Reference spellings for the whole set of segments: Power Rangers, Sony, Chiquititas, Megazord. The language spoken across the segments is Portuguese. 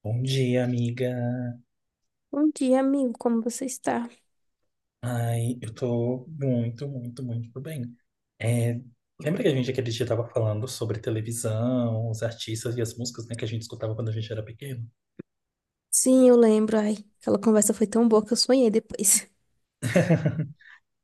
Bom dia, amiga. Bom dia, amigo. Como você está? Ai, eu tô muito, muito, muito bem. É, lembra que a gente aquele dia tava falando sobre televisão, os artistas e as músicas, né, que a gente escutava quando a gente era pequeno? Sim, eu lembro. Ai, aquela conversa foi tão boa que eu sonhei depois.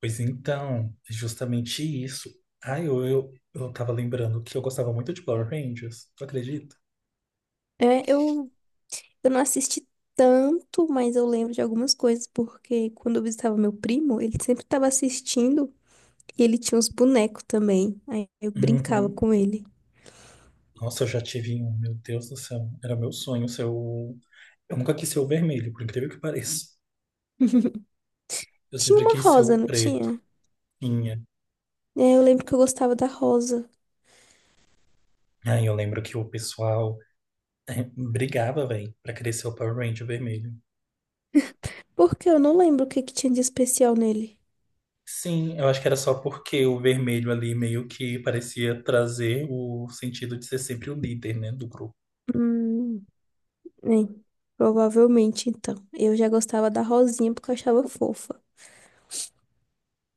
Pois então, é justamente isso. Ai, eu tava lembrando que eu gostava muito de Power Rangers, tu acredita? É, eu, eu não assisti tanto, mas eu lembro de algumas coisas, porque quando eu visitava meu primo, ele sempre estava assistindo e ele tinha uns bonecos também. Aí eu brincava Uhum. com ele. Nossa, eu já tive um, meu Deus do céu, era meu sonho ser o... Eu nunca quis ser o vermelho, por incrível que pareça. Eu Tinha sempre uma quis ser rosa, o não preto. tinha? Tinha. É, eu lembro que eu gostava da rosa. Aí eu lembro que o pessoal É, brigava, velho, pra crescer o Power Ranger vermelho. Porque eu não lembro o que que tinha de especial nele. Sim, eu acho que era só porque o vermelho ali meio que parecia trazer o sentido de ser sempre o líder, né, do grupo. Hum, é, provavelmente então. Eu já gostava da rosinha porque eu achava fofa.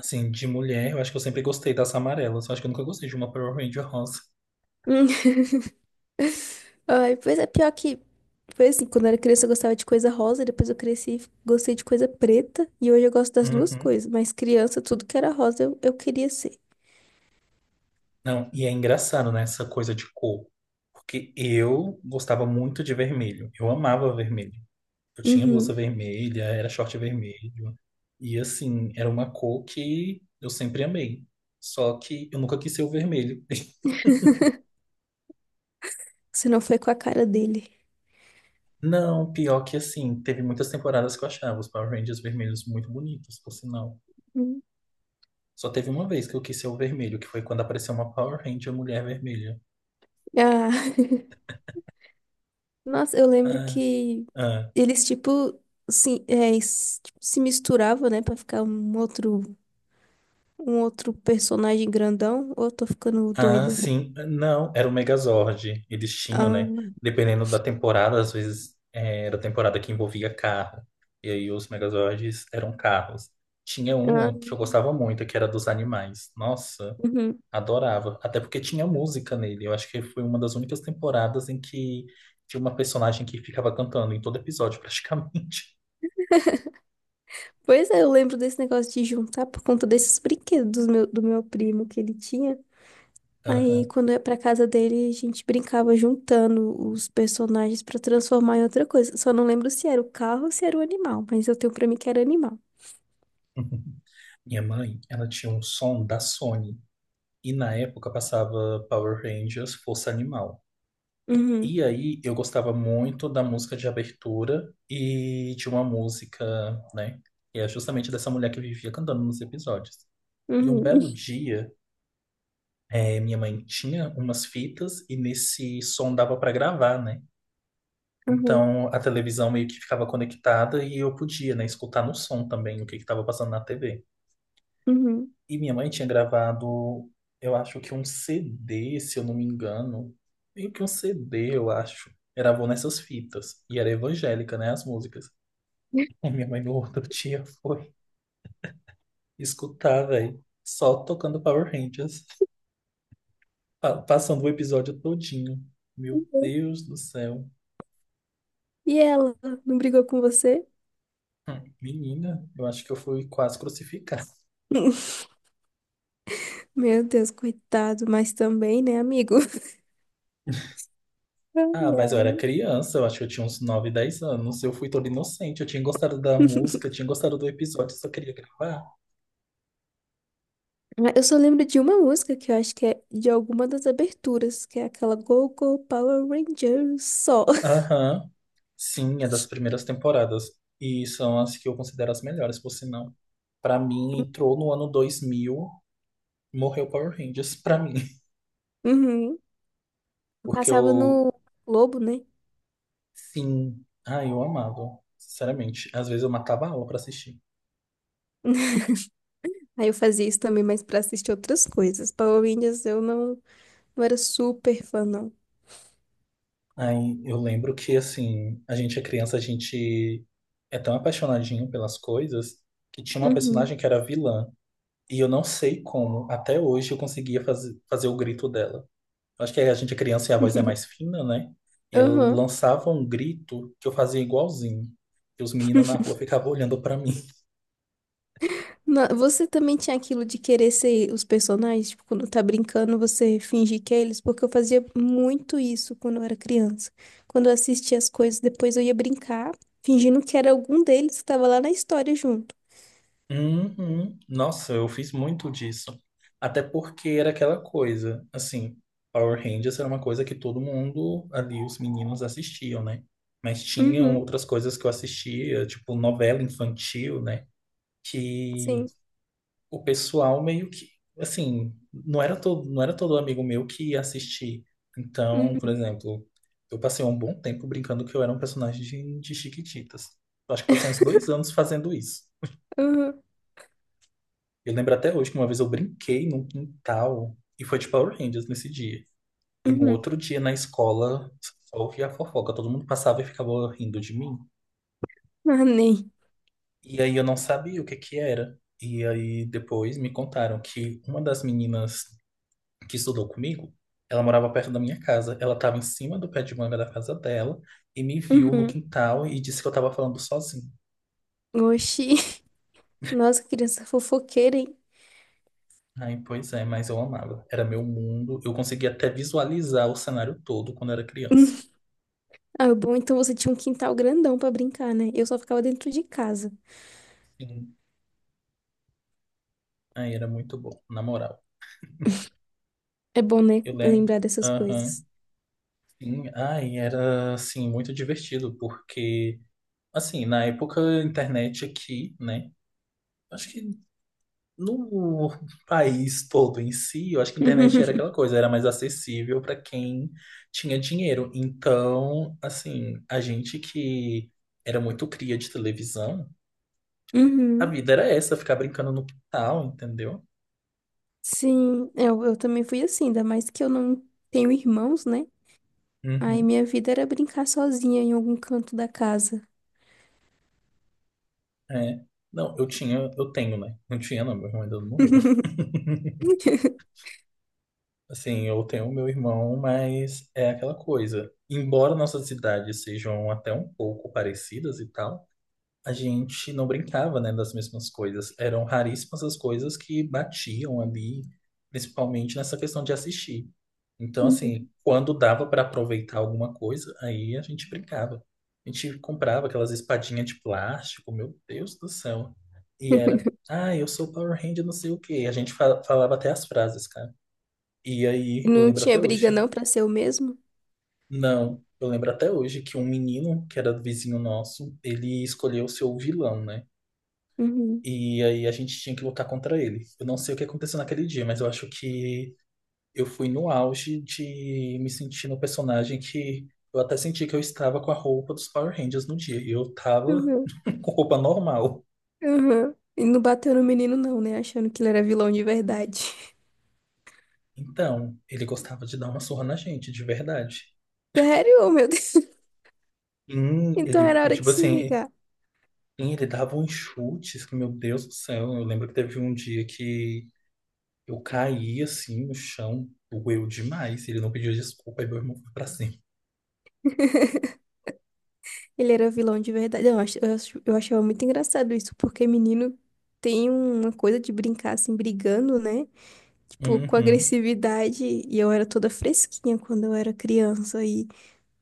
Assim, de mulher, eu acho que eu sempre gostei das amarelas. Eu acho que eu nunca gostei de uma Power Ranger rosa. Ai, pois é, pior que. Foi assim, quando eu era criança eu gostava de coisa rosa, depois eu cresci e gostei de coisa preta, e hoje eu gosto das duas Uhum. coisas, mas criança, tudo que era rosa eu queria ser. Não, e é engraçado, né, essa coisa de cor. Porque eu gostava muito de vermelho. Eu amava vermelho. Eu tinha blusa Uhum. vermelha, era short vermelho. E assim, era uma cor que eu sempre amei. Só que eu nunca quis ser o vermelho. Se não foi com a cara dele. Não, pior que assim, teve muitas temporadas que eu achava os Power Rangers vermelhos muito bonitos, por sinal. Hum. Só teve uma vez que eu quis ser o vermelho, que foi quando apareceu uma Power Ranger mulher vermelha. Ah. Nossa, eu lembro Ah, que ah. eles, tipo, se, é, s- tipo, se misturavam, né, pra ficar um outro personagem grandão, ou eu tô ficando Ah, doida? sim. Não, era o Megazord. Eles tinham, né? Ah, Dependendo da temporada, às vezes era a temporada que envolvia carro. E aí os Megazords eram carros. Tinha ah, uma que eu gostava muito, que era dos animais. Nossa, uhum. adorava. Até porque tinha música nele. Eu acho que foi uma das únicas temporadas em que tinha uma personagem que ficava cantando em todo episódio, praticamente. Pois é, eu lembro desse negócio de juntar por conta desses brinquedos do meu primo que ele tinha. Aí, Aham. quando eu ia pra casa dele, a gente brincava juntando os personagens pra transformar em outra coisa. Só não lembro se era o carro ou se era o animal, mas eu tenho pra mim que era animal. Minha mãe, ela tinha um som da Sony. E na época passava Power Rangers, Força Animal. Uhum, E aí eu gostava muito da música de abertura e de uma música, né? E é justamente dessa mulher que eu vivia cantando nos episódios. E um uhum, belo dia, minha mãe tinha umas fitas e nesse som dava para gravar, né? uhum, Então a televisão meio que ficava conectada e eu podia, né, escutar no som também o que que estava passando na TV. uhum. E minha mãe tinha gravado, eu acho que um CD, se eu não me engano. Meio que um CD, eu acho. Gravou nessas fitas. E era evangélica, né? As músicas. E minha mãe no outro dia foi escutar, velho. Só tocando Power Rangers. Passando o episódio todinho. Meu Uhum. Deus do céu. E ela não brigou com você? Menina, eu acho que eu fui quase crucificado. Meu Deus, coitado, mas também, né, amigo? Ah, mas eu Ai, era criança, eu acho que eu tinha uns 9 10 anos. Eu fui todo inocente, eu tinha gostado da ai. música, eu tinha gostado do episódio, só queria gravar. Ah, eu só lembro de uma música que eu acho que é de alguma das aberturas, que é aquela Go Go Power Rangers só. Aham. Sim, é das primeiras temporadas. E são as que eu considero as melhores, por sinal. Pra mim, entrou no ano 2000, morreu Power Rangers pra mim. Uhum. Porque Passava eu, no Globo, né? sim, ah, eu amava, sinceramente. Às vezes eu matava a aula pra assistir. Aí eu fazia isso também, mas pra assistir outras coisas. Power Rangers eu não, não era super fã, não. Aí eu lembro que, assim, a gente é criança, a gente é tão apaixonadinho pelas coisas que tinha uma Uhum. personagem que era vilã. E eu não sei como, até hoje, eu conseguia fazer o grito dela. Acho que a gente é criança e a voz é mais fina, né? Ele Uhum. lançava um grito que eu fazia igualzinho. E os meninos na rua ficavam olhando pra mim. Na- Você também tinha aquilo de querer ser os personagens, tipo, quando tá brincando, você fingir que é eles, porque eu fazia muito isso quando eu era criança. Quando eu assistia as coisas, depois eu ia brincar, fingindo que era algum deles que tava lá na história junto. Uhum. Nossa, eu fiz muito disso. Até porque era aquela coisa, assim, Power Rangers era uma coisa que todo mundo ali, os meninos, assistiam, né? Mas tinham Uhum, outras coisas que eu assistia, tipo novela infantil, né? Que sim. o pessoal meio que, assim, não era todo amigo meu que ia assistir. Então, por Uhum, exemplo, eu passei um bom tempo brincando que eu era um personagem de Chiquititas. Eu acho que passei uns dois anos fazendo isso. uhum, Eu lembro até hoje que uma vez eu brinquei num quintal e foi de Power Rangers nesse dia. E no uhum. outro dia na escola, só ouvia a fofoca, todo mundo passava e ficava rindo de mim. Ah, nem. E aí eu não sabia o que que era. E aí depois me contaram que uma das meninas que estudou comigo, ela morava perto da minha casa. Ela estava em cima do pé de manga da casa dela e me viu no Uhum. quintal e disse que eu estava falando sozinho. Oxi. Nossa, criança fofoqueira, hein? Aí, pois é, mas eu amava. Era meu mundo. Eu conseguia até visualizar o cenário todo quando era criança. Ah, bom, então você tinha um quintal grandão pra brincar, né? Eu só ficava dentro de casa. Sim. Aí era muito bom, na moral. É bom, né? Eu lembro. Lembrar dessas Aham. coisas. Sim. Aí era, assim, muito divertido, porque, assim, na época, a internet aqui, né? Acho que no país todo em si, eu acho que a internet era aquela coisa, era mais acessível para quem tinha dinheiro. Então, assim, a gente que era muito cria de televisão, a Uhum. vida era essa, ficar brincando no quintal, entendeu? Sim, eu também fui assim, ainda mais que eu não tenho irmãos, né? Aí Uhum, minha vida era brincar sozinha em algum canto da casa. é. Não, eu tinha, eu tenho, né? Não tinha, não, meu irmão ainda não morreu. Assim, eu tenho meu irmão, mas é aquela coisa. Embora nossas idades sejam até um pouco parecidas e tal. A gente não brincava, né, das mesmas coisas. Eram raríssimas as coisas que batiam ali, principalmente nessa questão de assistir. Então, assim, Uhum. quando dava para aproveitar alguma coisa, aí a gente brincava. A gente comprava aquelas espadinhas de plástico, meu Deus do céu. E era, ah, eu sou Power Ranger, não sei o quê. A gente falava até as frases, cara. E E aí, eu não lembro tinha até briga hoje. não pra ser o mesmo? Não, eu lembro até hoje que um menino que era vizinho nosso, ele escolheu ser o seu vilão, né? Uhum. E aí a gente tinha que lutar contra ele. Eu não sei o que aconteceu naquele dia, mas eu acho que eu fui no auge de me sentir no personagem que eu até senti que eu estava com a roupa dos Power Rangers no dia. E eu tava Uhum. com roupa normal. Uhum. E não bateu no menino não, né? Achando que ele era vilão de verdade. Então, ele gostava de dar uma surra na gente, de verdade. Sério? Oh, meu Deus. Então Ele, era é hora de tipo se assim, vingar. Ele dava uns chutes que, meu Deus do céu, eu lembro que teve um dia que eu caí assim no chão, doeu demais. Ele não pediu desculpa, aí meu irmão foi pra cima. Ele era vilão de verdade. Não, eu achava muito engraçado isso, porque menino tem uma coisa de brincar assim, brigando, né? Tipo, com Uhum. agressividade, e eu era toda fresquinha quando eu era criança, e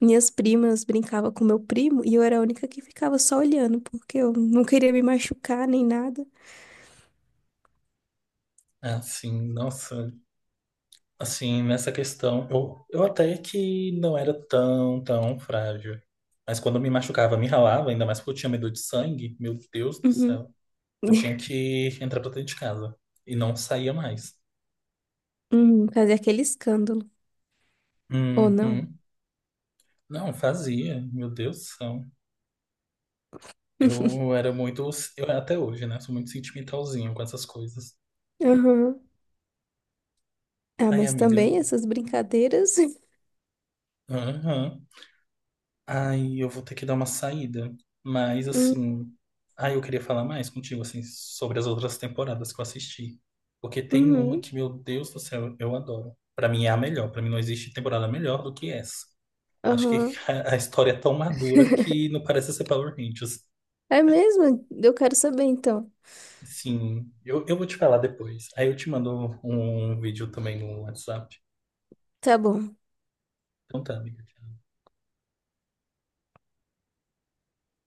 minhas primas brincavam com meu primo, e eu era a única que ficava só olhando, porque eu não queria me machucar nem nada. Ah, sim, nossa, assim, nessa questão, eu até que não era tão, tão frágil. Mas quando eu me machucava, me ralava, ainda mais porque eu tinha medo de sangue, meu Deus do Uhum. céu. Eu tinha que entrar pra dentro de casa e não saía mais. Uhum, fazer aquele escândalo, ou não. Uhum. Não, fazia, meu Deus do céu. Eu era muito, eu até hoje, né, sou muito sentimentalzinho com essas coisas. Uhum. Ah, Ai, mas amiga, também essas brincadeiras. aham. Ai, eu vou ter que dar uma saída. Mas, Hum, assim. Ai, eu queria falar mais contigo, assim, sobre as outras temporadas que eu assisti. Porque tem uma uhum. que, meu Deus do céu, eu adoro. Pra mim é a melhor. Pra mim não existe temporada melhor do que essa. Eu acho que Aham. a história é tão madura que não parece ser Power Rangers. É mesmo? Eu quero saber então. Sim, eu vou te falar depois. Aí eu te mando um vídeo também no WhatsApp. Tá bom. Então tá, amiga.